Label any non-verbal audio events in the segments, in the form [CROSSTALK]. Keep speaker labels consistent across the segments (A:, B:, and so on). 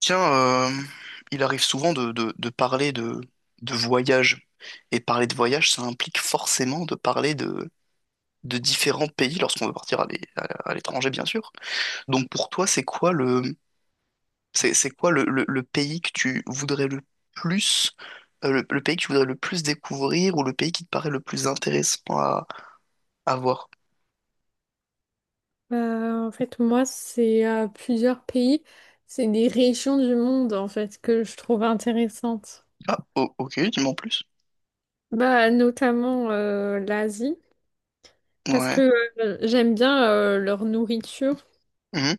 A: Tiens, il arrive souvent de parler de voyage. Et parler de voyage, ça implique forcément de parler de différents pays lorsqu'on veut partir à l'étranger, bien sûr. Donc pour toi, c'est quoi le pays que tu voudrais le plus, le pays que tu voudrais le plus découvrir ou le pays qui te paraît le plus intéressant à voir?
B: En fait, moi, c'est plusieurs pays, c'est des régions du monde, en fait, que je trouve intéressantes.
A: Ok, dis-moi en plus.
B: Bah, notamment l'Asie, parce
A: Ouais.
B: que j'aime bien leur nourriture.
A: Mhm.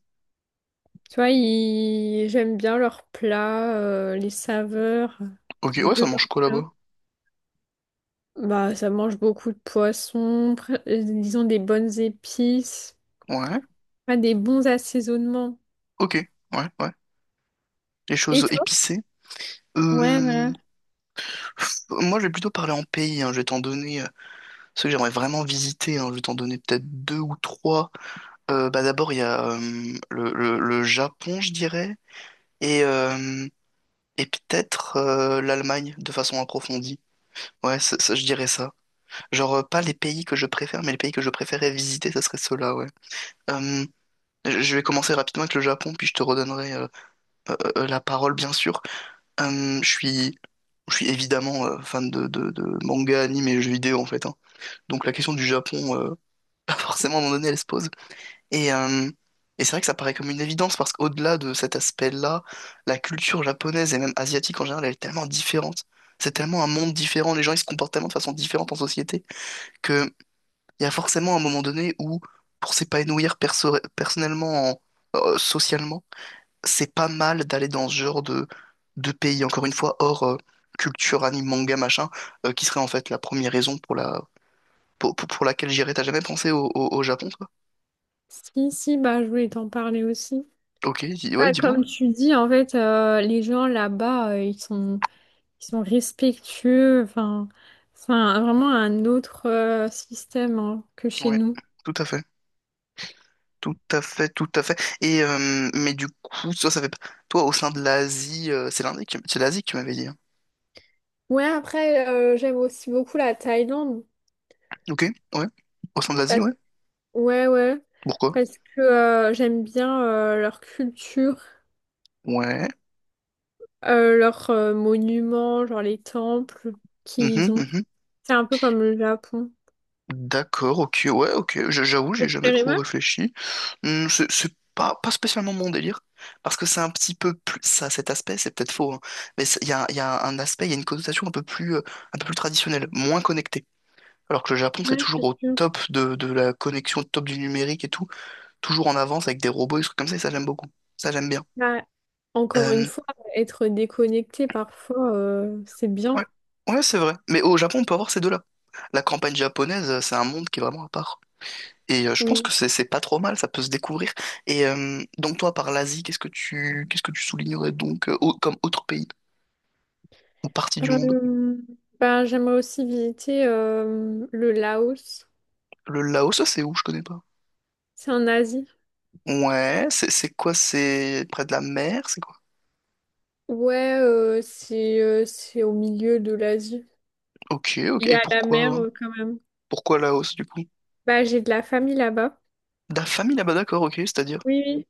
B: Tu vois, j'aime bien leurs plats, les saveurs
A: Ok, ouais, ça
B: de
A: mange
B: leurs
A: quoi
B: plats.
A: là-bas?
B: Bah, ça mange beaucoup de poissons, ils ont des bonnes épices,
A: Ouais.
B: ah, des bons assaisonnements.
A: Ok, ouais, ouais. Les
B: Et
A: choses
B: toi?
A: épicées.
B: Ouais, voilà.
A: Euh, Moi, je vais plutôt parler en pays, hein. Je vais t'en donner ceux que j'aimerais vraiment visiter, hein. Je vais t'en donner peut-être deux ou trois. Bah, d'abord, il y a le Japon, je dirais, et, euh, et peut-être l'Allemagne de façon approfondie. Ouais, je dirais ça. Genre, pas les pays que je préfère, mais les pays que je préférais visiter, ça serait ceux-là, ouais. Euh, je vais commencer rapidement avec le Japon, puis je te redonnerai la parole, bien sûr. Euh, je suis, je suis évidemment fan de manga, anime et jeux vidéo, en fait, hein. Donc la question du Japon, [LAUGHS] pas forcément à un moment donné, elle se pose. Et, euh, et c'est vrai que ça paraît comme une évidence parce qu'au-delà de cet aspect-là, la culture japonaise et même asiatique en général, elle est tellement différente. C'est tellement un monde différent, les gens ils se comportent tellement de façon différente en société que il y a forcément un moment donné où, pour s'épanouir personnellement, socialement, c'est pas mal d'aller dans ce genre de pays, encore une fois, hors culture, anime, manga, machin, qui serait en fait la première raison pour la, pour laquelle j'irais. T'as jamais pensé au Japon, toi?
B: Si, si, bah, je voulais t'en parler aussi.
A: Ok, ouais,
B: Ah,
A: dis-moi.
B: comme tu dis, en fait, les gens là-bas, ils sont respectueux. Enfin, c'est vraiment un autre système, hein, que chez
A: Ouais,
B: nous.
A: tout à fait. Tout à fait, tout à fait. Et mais du coup, toi, ça fait pas- toi au sein de l'Asie, c'est l'Asie que tu m'avais dit, hein.
B: Ouais, après, j'aime aussi beaucoup la Thaïlande.
A: Ok, ouais. Au sein de l'Asie,
B: Parce-
A: ouais.
B: Ouais, ouais.
A: Pourquoi?
B: Parce que j'aime bien leur culture,
A: Ouais.
B: euh, leurs monuments, genre les temples
A: Mhm,
B: qu'ils ont.
A: mhm.
B: C'est un peu comme le Japon.
A: D'accord, ok, ouais, ok. J'avoue,
B: Ça
A: j'ai
B: te
A: jamais
B: plairait
A: trop
B: pas?
A: réfléchi. Hmm, c'est pas, pas spécialement mon délire. Parce que c'est un petit peu plus. Ça, cet aspect, c'est peut-être faux, hein, mais y a un aspect, il y a une connotation un peu plus traditionnelle, moins connectée. Alors que le Japon, c'est
B: Ouais,
A: toujours
B: c'est
A: au
B: sûr.
A: top de la connexion, au top du numérique et tout, toujours en avance avec des robots et des trucs comme ça, et ça j'aime beaucoup. Ça j'aime bien.
B: Bah, encore une
A: Euh,
B: fois, être déconnecté parfois, c'est
A: ouais,
B: bien,
A: ouais, c'est vrai. Mais au Japon, on peut avoir ces deux-là. La campagne japonaise, c'est un monde qui est vraiment à part. Et je pense que
B: oui.
A: c'est pas trop mal, ça peut se découvrir. Et donc toi, par l'Asie, qu'est-ce que tu soulignerais donc comme autre pays ou partie du monde?
B: Euh, bah, j'aimerais aussi visiter le Laos.
A: Le Laos, ça c'est où? Je connais pas.
B: C'est en Asie.
A: Ouais, c'est quoi? C'est près de la mer, c'est quoi?
B: Ouais, c'est au milieu de l'Asie.
A: Ok, ok.
B: Il y
A: Et
B: a la mer quand même.
A: pourquoi Laos du coup?
B: Bah, j'ai de la famille là-bas.
A: La famille là-bas, d'accord, ok, c'est-à-dire.
B: Oui, oui.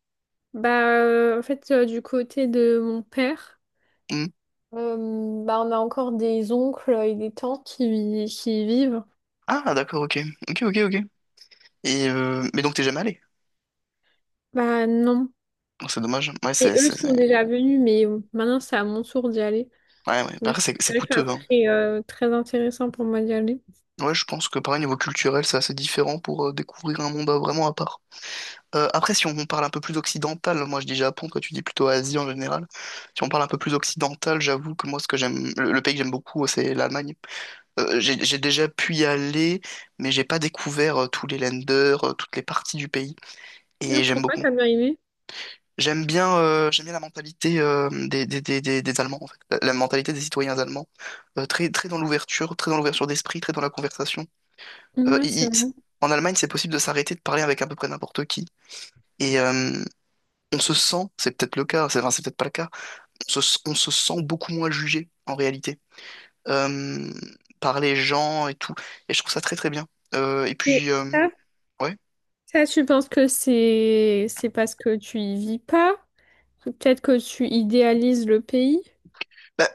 B: Bah, en fait, du côté de mon père,
A: Hmm.
B: euh, bah, on a encore des oncles et des tantes qui y vivent.
A: Ah, d'accord, ok. Ok, ok, ok. Et mais donc t'es jamais allé.
B: Bah, non.
A: Oh, c'est dommage. Ouais,
B: Et eux sont déjà venus, mais maintenant c'est à mon tour d'y aller.
A: ouais, ouais. Bah,
B: Donc
A: après, c'est
B: c'est vrai que ça
A: coûteux, hein.
B: serait très intéressant pour moi d'y aller.
A: Ouais, je pense que pareil, niveau culturel, c'est assez différent pour découvrir un monde vraiment à part. Après, si on parle un peu plus occidental, moi je dis Japon, toi tu dis plutôt Asie en général. Si on parle un peu plus occidental, j'avoue que moi ce que j'aime, le pays que j'aime beaucoup, c'est l'Allemagne. J'ai déjà pu y aller, mais j'ai pas découvert tous les länders, toutes les parties du pays.
B: Ah,
A: Et j'aime
B: pourquoi
A: beaucoup.
B: t'as bien aimé?
A: J'aime bien la mentalité des Allemands, en fait. La mentalité des citoyens allemands. Très, très dans l'ouverture d'esprit, très dans la conversation. Euh,
B: Ouais,
A: il-
B: c'est
A: il-
B: vrai.
A: en Allemagne, c'est possible de s'arrêter de parler avec à peu près n'importe qui. Et on se sent, c'est peut-être le cas, c'est enfin, c'est peut-être pas le cas, on se sent beaucoup moins jugé, en réalité, euh, par les gens et tout. Et je trouve ça très très bien. Euh, et
B: Et
A: puis, euh,
B: ça,
A: ouais.
B: ça, tu penses que c'est parce que tu y vis pas? Peut-être que tu idéalises le pays?
A: Bah,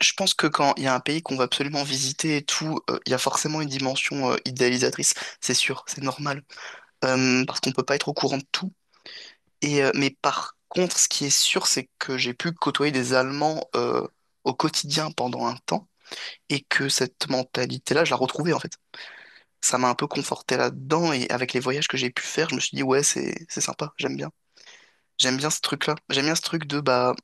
A: je pense que quand il y a un pays qu'on va absolument visiter et tout, il y a forcément une dimension idéalisatrice, c'est sûr, c'est normal. Parce qu'on peut pas être au courant de tout. Et mais par contre, ce qui est sûr, c'est que j'ai pu côtoyer des Allemands au quotidien pendant un temps et que cette mentalité-là, je la retrouvais en fait. Ça m'a un peu conforté là-dedans et avec les voyages que j'ai pu faire, je me suis dit ouais, c'est sympa, j'aime bien ce truc-là, j'aime bien ce truc de bah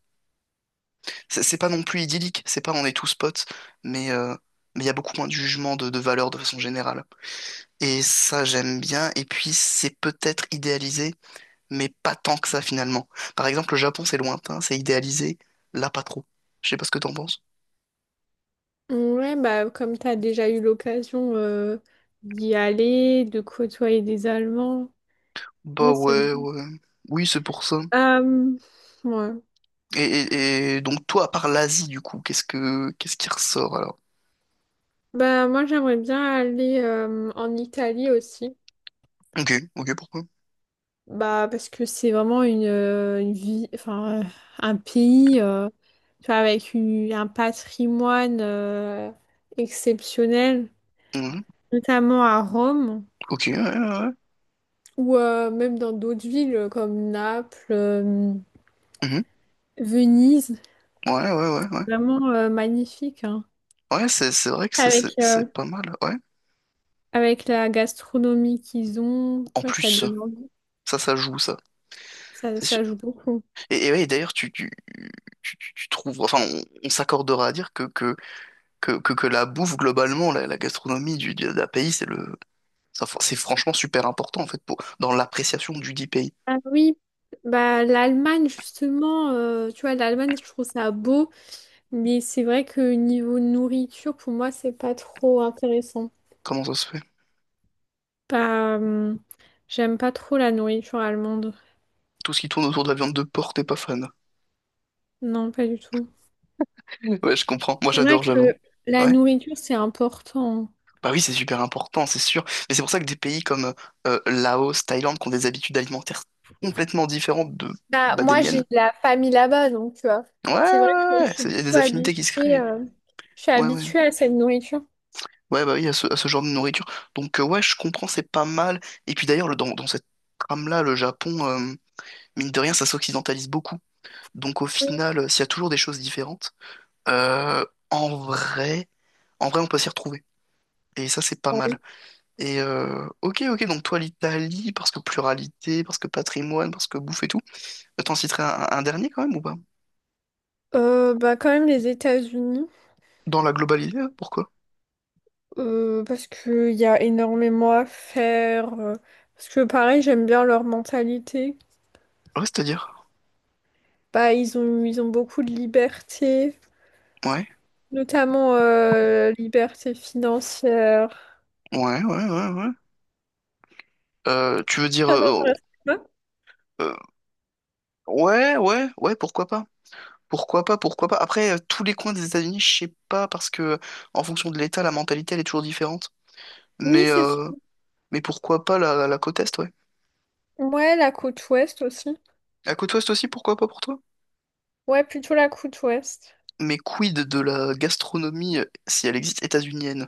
A: c'est pas non plus idyllique, c'est pas on est tous potes, mais euh, mais il y a beaucoup moins de jugement de valeur de façon générale. Et ça, j'aime bien. Et puis, c'est peut-être idéalisé, mais pas tant que ça finalement. Par exemple, le Japon, c'est lointain, c'est idéalisé, là, pas trop. Je sais pas ce que t'en penses.
B: Ouais, bah comme t'as déjà eu l'occasion d'y aller, de côtoyer des Allemands.
A: Bah
B: Ouais, c'est
A: ouais,
B: vrai.
A: ouais. Oui, c'est pour ça.
B: Euh, ouais.
A: Et donc, toi, à part l'Asie, du coup, qu'est-ce qui ressort alors?
B: Bah moi j'aimerais bien aller en Italie aussi.
A: Ok, ok, pourquoi?
B: Bah, parce que c'est vraiment une, vie, enfin, un pays, tu vois, avec un patrimoine exceptionnel,
A: Mhm.
B: notamment à Rome
A: Ok, ouais, ouais, ouais.
B: ou même dans d'autres villes comme Naples,
A: Mhm.
B: Venise.
A: Ouais, ouais, ouais, ouais.
B: Vraiment magnifique, hein.
A: Ouais, c'est c'est vrai que c'est
B: Avec,
A: c'est- c'est pas mal, ouais.
B: avec la gastronomie qu'ils ont,
A: En
B: tu vois, ça
A: plus,
B: donne envie,
A: Ça joue, ça. C'est sûr.
B: ça joue beaucoup.
A: Et ouais, d'ailleurs, tu trouves, enfin, on s'accordera à dire que la bouffe, globalement, la gastronomie d'un pays, c'est franchement super important, en fait, pour, dans l'appréciation du dit pays.
B: Ah oui, bah, l'Allemagne, justement, tu vois, l'Allemagne, je trouve ça beau. Mais c'est vrai que niveau nourriture, pour moi, c'est pas trop intéressant.
A: Comment ça se fait?
B: Pas, J'aime pas trop la nourriture allemande.
A: Tout ce qui tourne autour de la viande de porc, t'es pas fan.
B: Non, pas du tout.
A: Ouais, je comprends. Moi,
B: C'est vrai
A: j'adore, j'avoue.
B: que la
A: Ouais.
B: nourriture, c'est important.
A: Bah oui, c'est super important, c'est sûr. Mais c'est pour ça que des pays comme Laos, Thaïlande, qui ont des habitudes alimentaires complètement différentes de,
B: Bah,
A: bah, des
B: moi, j'ai
A: miennes.
B: de la famille là-bas, donc tu vois.
A: Ouais, ouais,
B: C'est vrai
A: ouais,
B: que je
A: ouais,
B: suis
A: c'est- il y a des
B: plutôt
A: affinités qui se
B: habituée,
A: créent.
B: je suis
A: Ouais, ouais.
B: habituée à cette nourriture.
A: Ouais, bah oui, à ce genre de nourriture. Donc, ouais, je comprends, c'est pas mal. Et puis d'ailleurs, dans cette trame-là, le Japon, mine de rien, ça s'occidentalise beaucoup. Donc, au
B: Oui.
A: final, s'il y a toujours des choses différentes, euh, en vrai, en vrai, on peut s'y retrouver. Et ça, c'est pas mal. Et ok, ok, donc toi, l'Italie, parce que pluralité, parce que patrimoine, parce que bouffe et tout. T'en citerais un dernier quand même ou pas?
B: Bah quand même les États-Unis,
A: Dans la globalité, pourquoi?
B: parce qu'il y a énormément à faire, parce que pareil j'aime bien leur mentalité.
A: Ouais, c'est-à-dire.
B: Bah, ils ont beaucoup de liberté,
A: Ouais,
B: notamment liberté financière.
A: ouais, ouais, ouais, ouais. Tu veux
B: [LAUGHS]
A: dire.
B: Ça t'intéresse pas?
A: Euh, ouais, ouais, ouais, pourquoi pas? Pourquoi pas, pourquoi pas. Après, tous les coins des États-Unis, je sais pas, parce que en fonction de l'État, la mentalité, elle est toujours différente.
B: Oui,
A: Mais,
B: c'est sûr.
A: euh, mais pourquoi pas la côte Est, ouais.
B: Ouais, la côte ouest aussi.
A: La côte Ouest aussi, pourquoi pas pour toi?
B: Ouais, plutôt la côte ouest.
A: Mais quid de la gastronomie, si elle existe, états-unienne?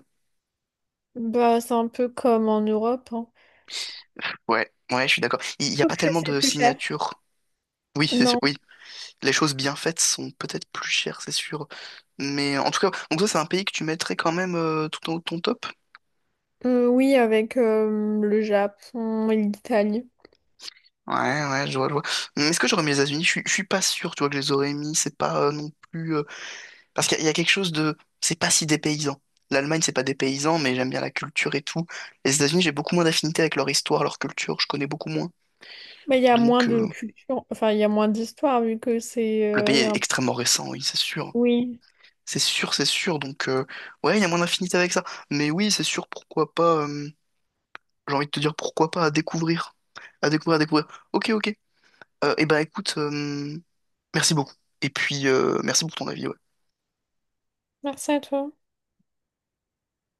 B: Bah, c'est un peu comme en Europe, hein.
A: Ouais, ouais, je suis d'accord. Il n'y a
B: Sauf
A: pas
B: que
A: tellement
B: c'est
A: de
B: plus cher.
A: signatures. Oui, c'est sûr,
B: Non.
A: oui. Les choses bien faites sont peut-être plus chères, c'est sûr. Mais en tout cas, donc ça, c'est un pays que tu mettrais quand même tout en haut de ton top?
B: Oui, avec le Japon et l'Italie.
A: Ouais, ouais, je vois, je vois. Est-ce que j'aurais mis les États-Unis? Je suis pas sûr, tu vois, que je les aurais mis. C'est pas non plus. Parce qu'il y, a il y a quelque chose de. C'est pas si dépaysant. L'Allemagne, c'est pas dépaysant, mais j'aime bien la culture et tout. Les États-Unis, j'ai beaucoup moins d'affinité avec leur histoire, leur culture. Je connais beaucoup moins.
B: Mais il y a moins
A: Donc,
B: de culture, enfin, il y a moins d'histoire vu que c'est...
A: le pays est extrêmement récent, oui, c'est sûr.
B: Oui.
A: C'est sûr, c'est sûr. Donc, ouais, il y a moins d'affinité avec ça. Mais oui, c'est sûr, pourquoi pas. J'ai envie de te dire pourquoi pas à découvrir. À découvrir, à découvrir. Ok, ok. Eh ben, écoute, merci beaucoup. Et puis, merci pour ton avis, ok?
B: Merci à toi.